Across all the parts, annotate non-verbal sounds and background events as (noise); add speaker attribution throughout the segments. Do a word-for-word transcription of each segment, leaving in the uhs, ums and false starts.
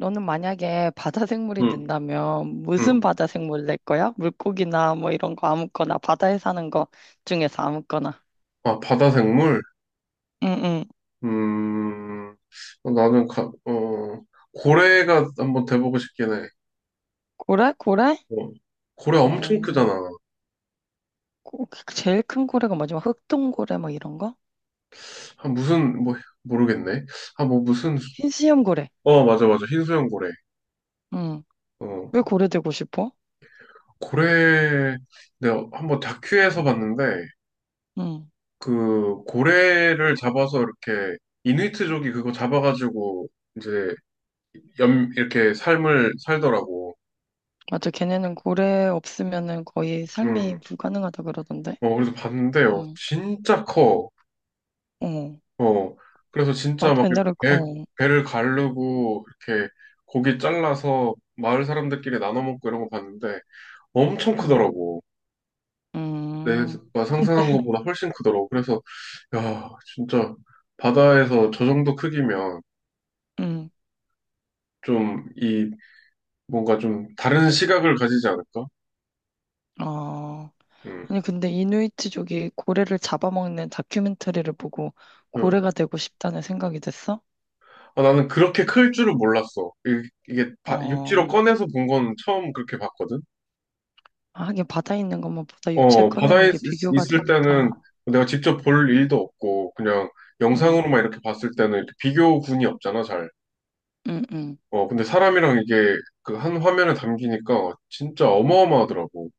Speaker 1: 너는 만약에 바다 생물이
Speaker 2: 응,
Speaker 1: 된다면 무슨
Speaker 2: 응.
Speaker 1: 바다 생물 낼 거야? 물고기나 뭐 이런 거 아무거나 바다에 사는 거 중에서 아무거나.
Speaker 2: 아, 바다 생물?
Speaker 1: 응응.
Speaker 2: 음, 나는, 가, 어, 고래가 한번 돼보고 싶긴 해.
Speaker 1: 고래? 고래?
Speaker 2: 어, 고래 엄청
Speaker 1: 어,
Speaker 2: 크잖아.
Speaker 1: 고- 제일 큰 고래가 뭐지? 막 흑동고래 뭐 이런 거?
Speaker 2: 아, 무슨, 뭐, 모르겠네. 아, 뭐, 무슨,
Speaker 1: 흰수염 고래.
Speaker 2: 어, 맞아, 맞아. 흰수염 고래.
Speaker 1: 응.
Speaker 2: 어,
Speaker 1: 왜 고래 되고 싶어?
Speaker 2: 고래, 내가 한번 다큐에서 봤는데,
Speaker 1: 응.
Speaker 2: 그, 고래를 잡아서 이렇게, 이누이트족이 그거 잡아가지고, 이제, 염, 이렇게 삶을 살더라고.
Speaker 1: 맞아. 걔네는 고래 없으면은 거의
Speaker 2: 음,
Speaker 1: 삶이 불가능하다 그러던데.
Speaker 2: 어, 그래서 봤는데요.
Speaker 1: 응.
Speaker 2: 진짜 커.
Speaker 1: 어.
Speaker 2: 어, 그래서 진짜
Speaker 1: 나도
Speaker 2: 막 이렇게
Speaker 1: 옛날에 그-
Speaker 2: 배,
Speaker 1: 어.
Speaker 2: 배를 가르고 이렇게 고기 잘라서 마을 사람들끼리 나눠 먹고 이런 거 봤는데 엄청
Speaker 1: 응.
Speaker 2: 크더라고.
Speaker 1: 음.
Speaker 2: 내가
Speaker 1: 근데
Speaker 2: 상상한 것보다 훨씬 크더라고. 그래서 야, 진짜 바다에서 저 정도 크기면
Speaker 1: 응.
Speaker 2: 좀 이 뭔가 좀 다른 시각을 가지지 않을까?
Speaker 1: 어.
Speaker 2: 음.
Speaker 1: 아니, 근데 이누이트족이 고래를 잡아먹는 다큐멘터리를 보고
Speaker 2: 음.
Speaker 1: 고래가 되고 싶다는 생각이 됐어?
Speaker 2: 아, 나는 그렇게 클 줄을 몰랐어. 이- 이게 바- 육지로
Speaker 1: 어,
Speaker 2: 꺼내서 본 건 처음 그렇게 봤거든.
Speaker 1: 아, 하긴 바다에 있는 것만 보다 육체에
Speaker 2: 어,
Speaker 1: 꺼내면
Speaker 2: 바다에 있-
Speaker 1: 이게 비교가
Speaker 2: 있을 때는
Speaker 1: 되니까.
Speaker 2: 내가 직접 볼 일도 없고, 그냥
Speaker 1: 응,
Speaker 2: 영상으로만 이렇게 봤을 때는 이렇게 비교군이 없잖아, 잘.
Speaker 1: 응, 응,
Speaker 2: 어, 근데 사람이랑 이게 그 한 화면에 담기니까 진짜 어마어마하더라고.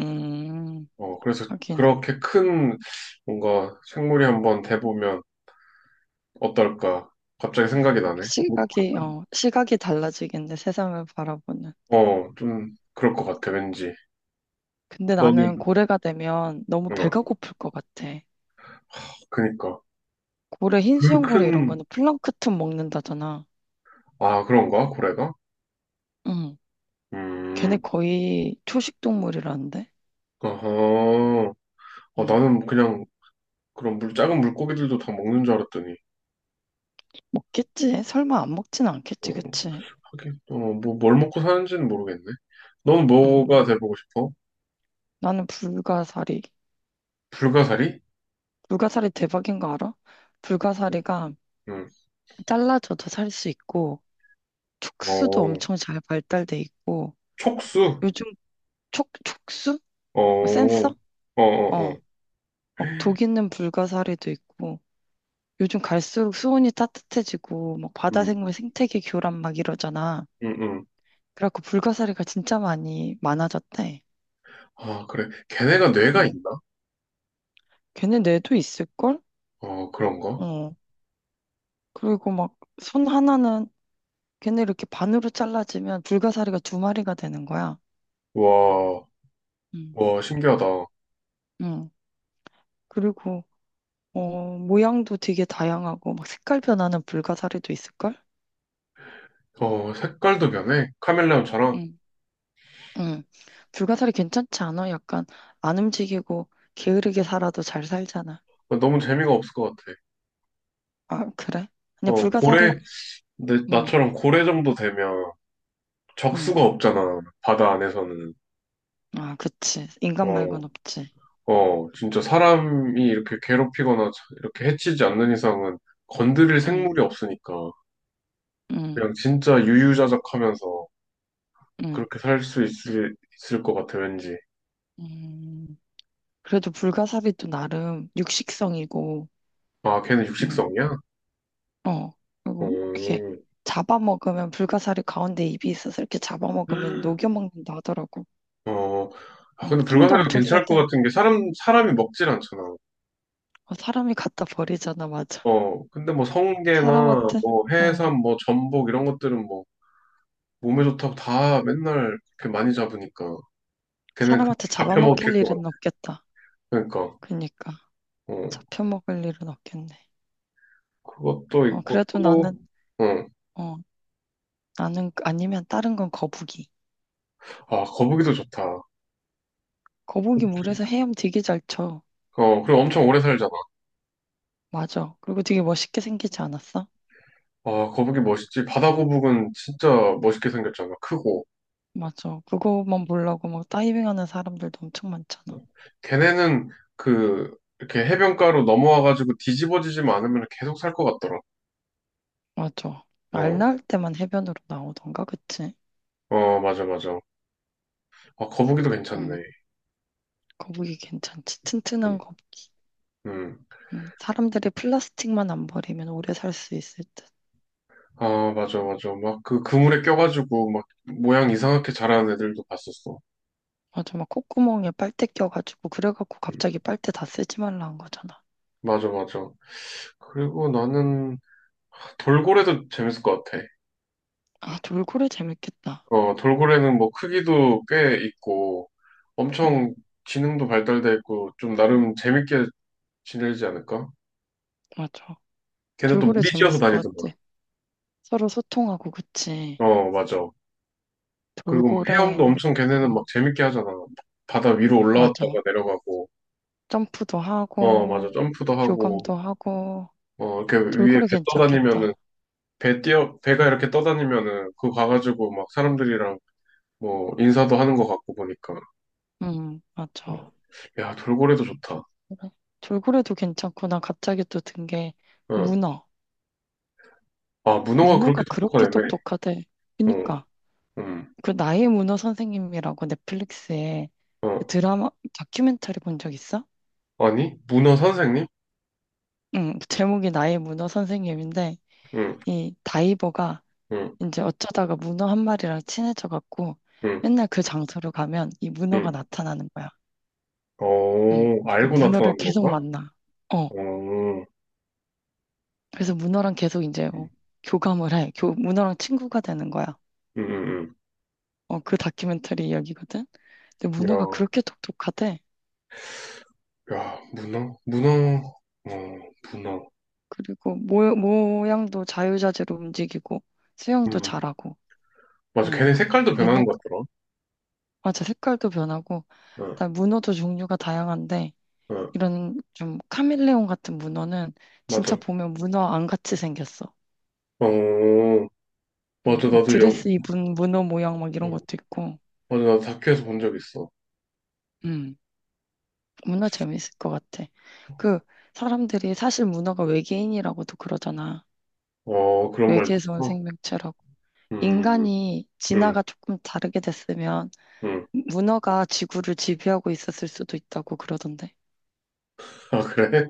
Speaker 1: 음,
Speaker 2: 어, 그래서
Speaker 1: 하긴.
Speaker 2: 그렇게 큰 뭔가 생물이 한번 돼보면 어떨까? 갑자기 생각이 나네.
Speaker 1: 시각이, 어, 시각이 달라지겠네, 세상을 바라보는.
Speaker 2: 어, 좀 그럴 것 같아, 왠지.
Speaker 1: 근데
Speaker 2: 너는,
Speaker 1: 나는 고래가 되면 너무 배가
Speaker 2: 어,
Speaker 1: 고플 것 같아.
Speaker 2: 그니까.
Speaker 1: 고래,
Speaker 2: 그
Speaker 1: 흰수염 고래 이런
Speaker 2: 큰,
Speaker 1: 거는 플랑크톤 먹는다잖아.
Speaker 2: 아, 그런가? 고래가?
Speaker 1: 응, 걔네
Speaker 2: 음,
Speaker 1: 거의 초식 동물이라는데?
Speaker 2: 어허. 어, 나는 그냥 그럼 물, 작은 물고기들도 다 먹는 줄 알았더니,
Speaker 1: 먹겠지. 설마 안 먹진
Speaker 2: 어,
Speaker 1: 않겠지, 그치?
Speaker 2: 하긴, 어, 뭐, 뭘 먹고 사는지는 모르겠네. 넌 뭐가
Speaker 1: 음,
Speaker 2: 돼보고 싶어?
Speaker 1: 나는 불가사리.
Speaker 2: 불가사리?
Speaker 1: 불가사리 대박인 거 알아? 불가사리가
Speaker 2: 응.
Speaker 1: 잘라져도 살 수 있고,
Speaker 2: 어,
Speaker 1: 촉수도 엄청 잘 발달돼 있고,
Speaker 2: 촉수?
Speaker 1: 요즘 촉, 촉수?
Speaker 2: 어,
Speaker 1: 뭐
Speaker 2: 어,
Speaker 1: 센서?
Speaker 2: 어,
Speaker 1: 어,
Speaker 2: 어.
Speaker 1: 막 독 있는 불가사리도 있고, 요즘 갈수록 수온이 따뜻해지고, 막 바다
Speaker 2: 응,
Speaker 1: 생물 생태계 교란 막 이러잖아.
Speaker 2: 응, 응.
Speaker 1: 그래갖고 불가사리가 진짜 많이 많아졌대.
Speaker 2: 아, 그래. 걔네가 뇌가
Speaker 1: 응.
Speaker 2: 있나?
Speaker 1: 걔네 뇌도 있을걸?
Speaker 2: 어, 그런가?
Speaker 1: 어. 그리고 막 손 하나는 걔네 이렇게 반으로 잘라지면 불가사리가 두 마리가 되는 거야.
Speaker 2: 와,
Speaker 1: 음.
Speaker 2: 와, 신기하다.
Speaker 1: 응. 그리고 어, 모양도 되게 다양하고 막 색깔 변하는 불가사리도 있을걸?
Speaker 2: 어, 색깔도 변해. 카멜레온처럼.
Speaker 1: 응, 응. 불가사리 괜찮지 않아? 약간 안 움직이고 게으르게 살아도 잘 살잖아.
Speaker 2: 어, 너무 재미가 없을 것 같아.
Speaker 1: 아, 그래? 그냥
Speaker 2: 어,
Speaker 1: 불가사리?
Speaker 2: 고래, 내,
Speaker 1: 응.
Speaker 2: 나처럼 고래 정도 되면
Speaker 1: 응.
Speaker 2: 적수가 없잖아. 바다 안에서는.
Speaker 1: 아, 그치. 인간
Speaker 2: 어,
Speaker 1: 말곤 없지.
Speaker 2: 어, 진짜 사람이 이렇게 괴롭히거나 자- 이렇게 해치지 않는 이상은 건드릴
Speaker 1: 응.
Speaker 2: 생물이 없으니까
Speaker 1: 응.
Speaker 2: 그냥 진짜 유유자적하면서
Speaker 1: 응.
Speaker 2: 그렇게 살 수 있을, 있을 것 같아, 왠지.
Speaker 1: 음. 그래도 불가사리도 나름 육식성이고
Speaker 2: 아, 걔는
Speaker 1: 응.
Speaker 2: 육식성이야?
Speaker 1: 어, 그리고 이렇게
Speaker 2: 어,
Speaker 1: 잡아먹으면 불가사리 가운데 입이 있어서 이렇게 잡아먹으면 녹여먹는다 하더라고.
Speaker 2: 어, 아,
Speaker 1: 음,
Speaker 2: 근데
Speaker 1: 힘도
Speaker 2: 불가사리가
Speaker 1: 엄청
Speaker 2: 괜찮을 것
Speaker 1: 세대.
Speaker 2: 같은 게 사람, 사람이 먹질 않잖아.
Speaker 1: 어, 사람이 갖다 버리잖아, 맞아.
Speaker 2: 어, 근데 뭐 성게나
Speaker 1: 사람한테,
Speaker 2: 뭐
Speaker 1: 어,
Speaker 2: 해삼, 뭐 전복 이런 것들은 뭐 몸에 좋다고 다 맨날 그렇게 많이 잡으니까 걔는 금방
Speaker 1: 사람한테 잡아먹힐
Speaker 2: 잡혀먹힐 것 같아.
Speaker 1: 일은 없겠다.
Speaker 2: 그러니까.
Speaker 1: 그니까.
Speaker 2: 어.
Speaker 1: 잡혀먹을 일은 없겠네.
Speaker 2: 그것도
Speaker 1: 어,
Speaker 2: 있고
Speaker 1: 그래도
Speaker 2: 또,
Speaker 1: 나는,
Speaker 2: 응.
Speaker 1: 어, 나는 아니면 다른 건 거북이.
Speaker 2: 아, 거북이도 좋다.
Speaker 1: 거북이 물에서 헤엄 되게 잘 쳐.
Speaker 2: 어, 그리고 엄청 오래 살잖아.
Speaker 1: 맞아. 그리고 되게 멋있게 생기지 않았어?
Speaker 2: 아, 거북이 멋있지. 바다 거북은 진짜 멋있게 생겼잖아. 크고.
Speaker 1: 맞아. 그거만 보려고 막 다이빙하는 사람들도 엄청 많잖아.
Speaker 2: 걔네는 그, 이렇게 해변가로 넘어와가지고 뒤집어지지 않으면 계속 살 것 같더라.
Speaker 1: 맞아. 알
Speaker 2: 어,
Speaker 1: 낳을 때만 해변으로 나오던가, 그치?
Speaker 2: 어, 맞아, 맞아. 아, 거북이도
Speaker 1: 음,
Speaker 2: 괜찮네.
Speaker 1: 거북이 괜찮지.
Speaker 2: 음,
Speaker 1: 튼튼한 거북이.
Speaker 2: 음.
Speaker 1: 음, 사람들이 플라스틱만 안 버리면 오래 살 수 있을 듯.
Speaker 2: 아, 맞아, 맞아. 막 그 그물에 껴가지고 막 모양 이상하게 자라는 애들도 봤었어.
Speaker 1: 맞아, 막 콧구멍에 빨대 껴가지고, 그래갖고
Speaker 2: 음,
Speaker 1: 갑자기 빨대 다 쓰지 말라 한 거잖아.
Speaker 2: 맞아, 맞아. 그리고 나는 돌고래도 재밌을 것 같아.
Speaker 1: 아, 돌고래 재밌겠다.
Speaker 2: 어, 돌고래는 뭐 크기도 꽤 있고
Speaker 1: 응,
Speaker 2: 엄청 지능도 발달돼 있고 좀 나름 재밌게 지내지 않을까?
Speaker 1: 맞아.
Speaker 2: 걔네 또
Speaker 1: 돌고래
Speaker 2: 무리지어서
Speaker 1: 재밌을 것
Speaker 2: 다니더만.
Speaker 1: 같아. 서로 소통하고, 그치?
Speaker 2: 어, 맞아. 그리고 막 헤엄도
Speaker 1: 돌고래,
Speaker 2: 엄청 걔네는 막
Speaker 1: 음,
Speaker 2: 재밌게 하잖아. 바다 위로 올라왔다가
Speaker 1: 맞아.
Speaker 2: 내려가고,
Speaker 1: 점프도
Speaker 2: 어, 맞아.
Speaker 1: 하고,
Speaker 2: 점프도 하고,
Speaker 1: 교감도 하고,
Speaker 2: 어, 이렇게 위에
Speaker 1: 돌고래
Speaker 2: 배 떠다니면은,
Speaker 1: 괜찮겠다.
Speaker 2: 배 뛰어, 배가 이렇게 떠다니면은, 그거 가가지고 막 사람들이랑 뭐 인사도 하는 것 같고 보니까.
Speaker 1: 응,
Speaker 2: 어.
Speaker 1: 맞아.
Speaker 2: 야, 돌고래도 좋다.
Speaker 1: 그래. 돌고래도 괜찮고, 나 갑자기 또 든 게,
Speaker 2: 어.
Speaker 1: 문어.
Speaker 2: 아, 문어가
Speaker 1: 문어가
Speaker 2: 그렇게 똑똑한
Speaker 1: 그렇게
Speaker 2: 애매.
Speaker 1: 똑똑하대. 그니까,
Speaker 2: 음,
Speaker 1: 그 나의 문어 선생님이라고 넷플릭스에
Speaker 2: 어,
Speaker 1: 그 드라마, 다큐멘터리 본 적 있어?
Speaker 2: 아니, 문어 선생님?
Speaker 1: 응, 그 제목이 나의 문어 선생님인데,
Speaker 2: 응,
Speaker 1: 이 다이버가
Speaker 2: 응,
Speaker 1: 이제 어쩌다가 문어 한 마리랑 친해져갖고,
Speaker 2: 응,
Speaker 1: 맨날 그 장소로 가면 이 문어가
Speaker 2: 응.
Speaker 1: 나타나는 거야. 응,
Speaker 2: 어,
Speaker 1: 그
Speaker 2: 알고
Speaker 1: 문어를
Speaker 2: 나타난
Speaker 1: 계속
Speaker 2: 건가?
Speaker 1: 만나. 어,
Speaker 2: 어, 응,
Speaker 1: 그래서 문어랑 계속 이제
Speaker 2: 응,
Speaker 1: 뭐 교감을 해. 교, 문어랑 친구가 되는 거야.
Speaker 2: 응.
Speaker 1: 어, 그 다큐멘터리 이야기거든. 근데
Speaker 2: 응.
Speaker 1: 문어가
Speaker 2: 야,
Speaker 1: 그렇게 똑똑하대.
Speaker 2: 야, 문어, 문어, 어, 문어.
Speaker 1: 그리고 모, 모양도 자유자재로 움직이고 수영도
Speaker 2: 음,
Speaker 1: 잘하고.
Speaker 2: 맞아.
Speaker 1: 응.
Speaker 2: 걔네 색깔도
Speaker 1: 얘네
Speaker 2: 변하는 것 같더라.
Speaker 1: 맞아 색깔도 변하고.
Speaker 2: 응,
Speaker 1: 나 문어도 종류가 다양한데
Speaker 2: 응,
Speaker 1: 이런 좀 카멜레온 같은 문어는 진짜
Speaker 2: 맞아.
Speaker 1: 보면 문어 안 같이 생겼어.
Speaker 2: 어,
Speaker 1: 응.
Speaker 2: 맞아.
Speaker 1: 막
Speaker 2: 나도 영,
Speaker 1: 드레스 입은 문어 모양 막 이런
Speaker 2: 어,
Speaker 1: 것도 있고.
Speaker 2: 맞아. 나도 다큐에서 본 적 있어.
Speaker 1: 응. 문어 재밌을 것 같아. 그 사람들이 사실 문어가 외계인이라고도 그러잖아.
Speaker 2: 어, 그런 말도
Speaker 1: 외계에서 온
Speaker 2: 있어.
Speaker 1: 생명체라고.
Speaker 2: 음,
Speaker 1: 인간이
Speaker 2: 응,
Speaker 1: 진화가 조금 다르게 됐으면
Speaker 2: 응.
Speaker 1: 문어가 지구를 지배하고 있었을 수도 있다고 그러던데.
Speaker 2: 아, 그래?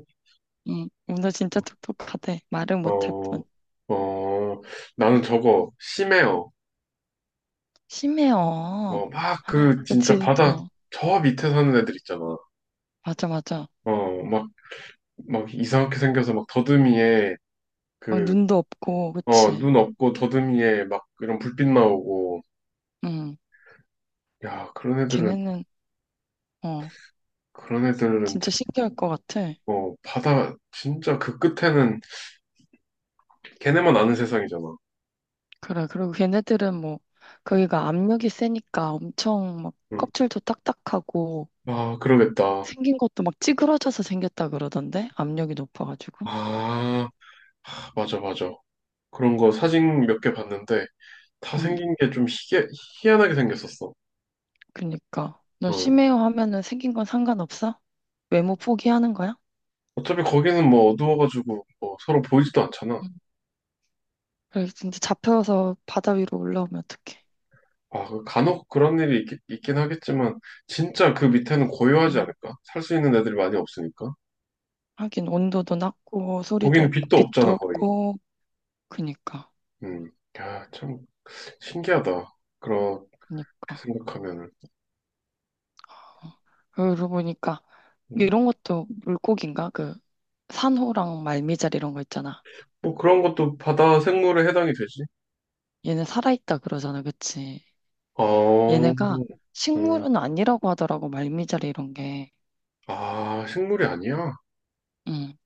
Speaker 1: 응, 문어 진짜 똑똑하대. 말을 못할
Speaker 2: 어,
Speaker 1: 뿐.
Speaker 2: 어, 나는 저거, 심해요.
Speaker 1: 심해요.
Speaker 2: 뭐, 막 그, 진짜
Speaker 1: 그치,
Speaker 2: 바다
Speaker 1: 어,
Speaker 2: 저 밑에 사는 애들 있잖아.
Speaker 1: 맞아, 맞아.
Speaker 2: 어, 막, 막 이상하게 생겨서 막 더듬이에
Speaker 1: 어,
Speaker 2: 그,
Speaker 1: 눈도 없고,
Speaker 2: 어,
Speaker 1: 그치.
Speaker 2: 눈 없고 더듬이에 막 이런 불빛 나오고.
Speaker 1: 응,
Speaker 2: 야, 그런 애들은,
Speaker 1: 걔네는, 어,
Speaker 2: 그런 애들은 참,
Speaker 1: 진짜 신기할 것 같아.
Speaker 2: 어, 바다 진짜 그 끝에는 걔네만 아는 세상이잖아.
Speaker 1: 그래, 그리고 걔네들은 뭐, 거기가 압력이 세니까 엄청 막
Speaker 2: 응.
Speaker 1: 껍질도 딱딱하고,
Speaker 2: 아, 그러겠다.
Speaker 1: 생긴 것도 막 찌그러져서 생겼다 그러던데? 압력이 높아가지고.
Speaker 2: 아, 맞아, 맞아. 그런 거 사진 몇 개 봤는데 다
Speaker 1: 응.
Speaker 2: 생긴 게 좀 희한하게 생겼었어.
Speaker 1: 그니까. 너
Speaker 2: 어.
Speaker 1: 심해요 하면은 생긴 건 상관없어? 외모 포기하는 거야?
Speaker 2: 어차피 거기는 뭐 어두워가지고 뭐 서로 보이지도 않잖아.
Speaker 1: 응. 그래, 진짜 잡혀서 바다 위로 올라오면 어떡해.
Speaker 2: 아, 그 간혹 그런 일이 있, 있긴 하겠지만, 진짜 그 밑에는 고요하지
Speaker 1: 응.
Speaker 2: 않을까? 살 수 있는 애들이 많이 없으니까.
Speaker 1: 하긴 온도도 낮고 소리도
Speaker 2: 거기는
Speaker 1: 없고
Speaker 2: 빛도
Speaker 1: 빛도
Speaker 2: 없잖아, 거의.
Speaker 1: 없고 그니까
Speaker 2: 음. 야, 참, 신기하다. 그렇게
Speaker 1: 그니까
Speaker 2: 생각하면은.
Speaker 1: 어. 그러고 보니까
Speaker 2: 음.
Speaker 1: 이런 것도 물고기인가? 그 산호랑 말미잘 이런 거 있잖아.
Speaker 2: 뭐 그런 것도 바다 생물에 해당이 되지.
Speaker 1: 얘네 살아있다 그러잖아, 그치?
Speaker 2: 어,
Speaker 1: 얘네가
Speaker 2: 음.
Speaker 1: 식물은 아니라고 하더라고 말미잘 이런 게.
Speaker 2: 아, 식물이 아니야?
Speaker 1: 응.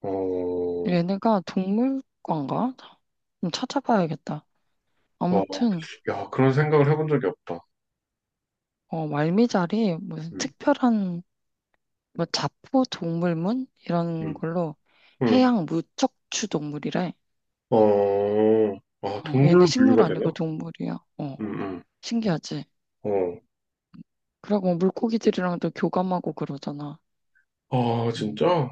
Speaker 2: 어,
Speaker 1: 얘네가 동물과인가? 좀 찾아봐야겠다.
Speaker 2: 와,
Speaker 1: 아무튼
Speaker 2: 야, 그런 생각을 해본 적이 없다.
Speaker 1: 어, 말미잘이 무슨
Speaker 2: 음,
Speaker 1: 특별한 뭐 자포 동물문 이런
Speaker 2: 음,
Speaker 1: 걸로
Speaker 2: 음.
Speaker 1: 해양 무척추 동물이래.
Speaker 2: 어, 아,
Speaker 1: 어,
Speaker 2: 동물로
Speaker 1: 얘네 식물
Speaker 2: 분류가 되나?
Speaker 1: 아니고 동물이야. 어,
Speaker 2: 음,
Speaker 1: 신기하지?
Speaker 2: 음.
Speaker 1: 그리고 뭐 물고기들이랑도 교감하고 그러잖아.
Speaker 2: 어, 아,
Speaker 1: 음,
Speaker 2: 진짜?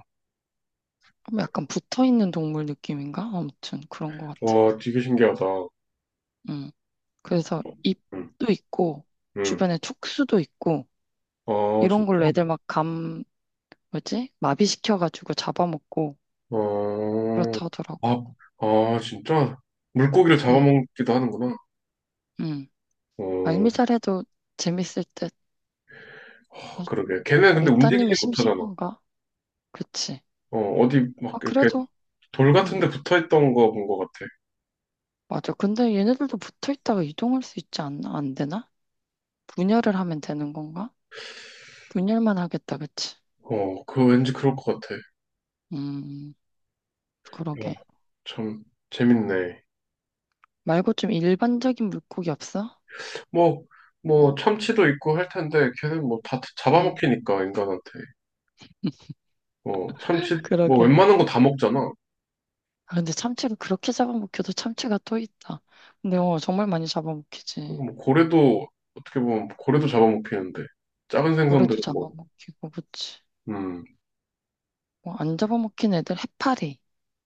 Speaker 1: 그럼 약간 붙어 있는 동물 느낌인가? 아무튼 그런 것 같아.
Speaker 2: 와, 되게 신기하다.
Speaker 1: 음, 그래서
Speaker 2: 응,
Speaker 1: 잎도 있고
Speaker 2: 응.
Speaker 1: 주변에 촉수도 있고
Speaker 2: 아,
Speaker 1: 이런 걸로
Speaker 2: 진짜?
Speaker 1: 애들 막감 뭐지? 마비시켜가지고 잡아먹고
Speaker 2: 어,
Speaker 1: 그렇다 하더라고.
Speaker 2: 아, 아, 진짜? 물고기를
Speaker 1: 응,
Speaker 2: 잡아먹기도 하는구나.
Speaker 1: 응.
Speaker 2: 어,
Speaker 1: 말미잘해도 재밌을 듯. 어,
Speaker 2: 아, 그러게. 걔네 근데
Speaker 1: 못다니면
Speaker 2: 움직이지 못하잖아.
Speaker 1: 심심한가? 그치.
Speaker 2: 어, 어디 막
Speaker 1: 아,
Speaker 2: 이렇게
Speaker 1: 그래도,
Speaker 2: 돌 같은
Speaker 1: 응,
Speaker 2: 데 붙어 있던 거 본 것 같아.
Speaker 1: 맞아. 근데 얘네들도 붙어 있다가 이동할 수 있지 않나? 안 되나? 분열을 하면 되는 건가? 분열만 하겠다, 그치?
Speaker 2: 어, 그거 왠지 그럴 것 같아.
Speaker 1: 음,
Speaker 2: 야,
Speaker 1: 그러게.
Speaker 2: 참, 재밌네.
Speaker 1: 말고 좀 일반적인 물고기 없어?
Speaker 2: 뭐, 뭐,
Speaker 1: 응,
Speaker 2: 참치도 있고 할 텐데, 걔는 뭐 다
Speaker 1: 응.
Speaker 2: 잡아먹히니까, 인간한테.
Speaker 1: (laughs)
Speaker 2: 어, 참치, 뭐
Speaker 1: 그러게.
Speaker 2: 웬만한 거 다 먹잖아.
Speaker 1: 아, 근데 참치를 그렇게 잡아먹혀도 참치가 또 있다. 근데 어, 정말 많이 잡아먹히지.
Speaker 2: 그리고 뭐 고래도 어떻게 보면 고래도 잡아먹히는데 작은
Speaker 1: 올래도
Speaker 2: 생선들은 뭐
Speaker 1: 잡아먹히고, 그치.
Speaker 2: 음,
Speaker 1: 뭐, 안 잡아먹힌 애들 해파리.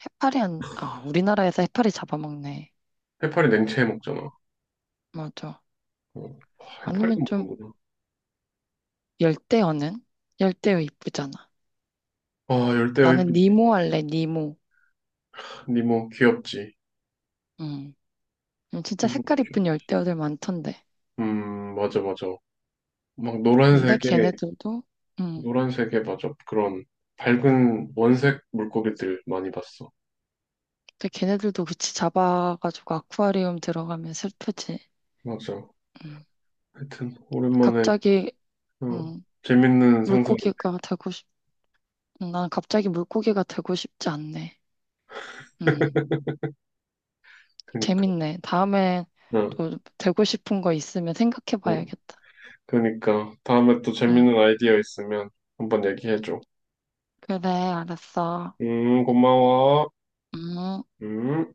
Speaker 1: 해파리 안, 아, 우리나라에서 해파리 잡아먹네.
Speaker 2: 해파리 냉채 해 먹잖아.
Speaker 1: 맞아.
Speaker 2: 어, 아, 해파리도
Speaker 1: 아니면 좀,
Speaker 2: 먹는구나.
Speaker 1: 열대어는? 열대어 이쁘잖아.
Speaker 2: 아 열대어
Speaker 1: 나는
Speaker 2: 이쁘지.
Speaker 1: 니모 할래, 니모.
Speaker 2: 니모 귀엽지.
Speaker 1: 응. 음,
Speaker 2: 이
Speaker 1: 진짜
Speaker 2: 모도
Speaker 1: 색깔
Speaker 2: 귀엽.
Speaker 1: 이쁜 열대어들 많던데.
Speaker 2: 음 맞아 맞아. 막
Speaker 1: 근데
Speaker 2: 노란색에
Speaker 1: 걔네들도, 응.
Speaker 2: 노란색에 맞아 그런 밝은 원색 물고기들 많이 봤어.
Speaker 1: 근데 걔네들도 그치 잡아가지고 아쿠아리움 들어가면 슬프지.
Speaker 2: 맞아.
Speaker 1: 응.
Speaker 2: 하여튼 오랜만에
Speaker 1: 갑자기,
Speaker 2: 어,
Speaker 1: 응.
Speaker 2: 재밌는 상상이.
Speaker 1: 물고기가 되고 싶, 난 갑자기 물고기가 되고 싶지 않네. 응.
Speaker 2: 그니까.
Speaker 1: 재밌네. 다음에
Speaker 2: 응,
Speaker 1: 또 되고 싶은 거 있으면 생각해
Speaker 2: 응.
Speaker 1: 봐야겠다.
Speaker 2: 그니까 다음에 또
Speaker 1: 응.
Speaker 2: 재밌는 아이디어 있으면 한번 얘기해줘.
Speaker 1: 그래, 알았어.
Speaker 2: 음, 고마워.
Speaker 1: 음.
Speaker 2: 음.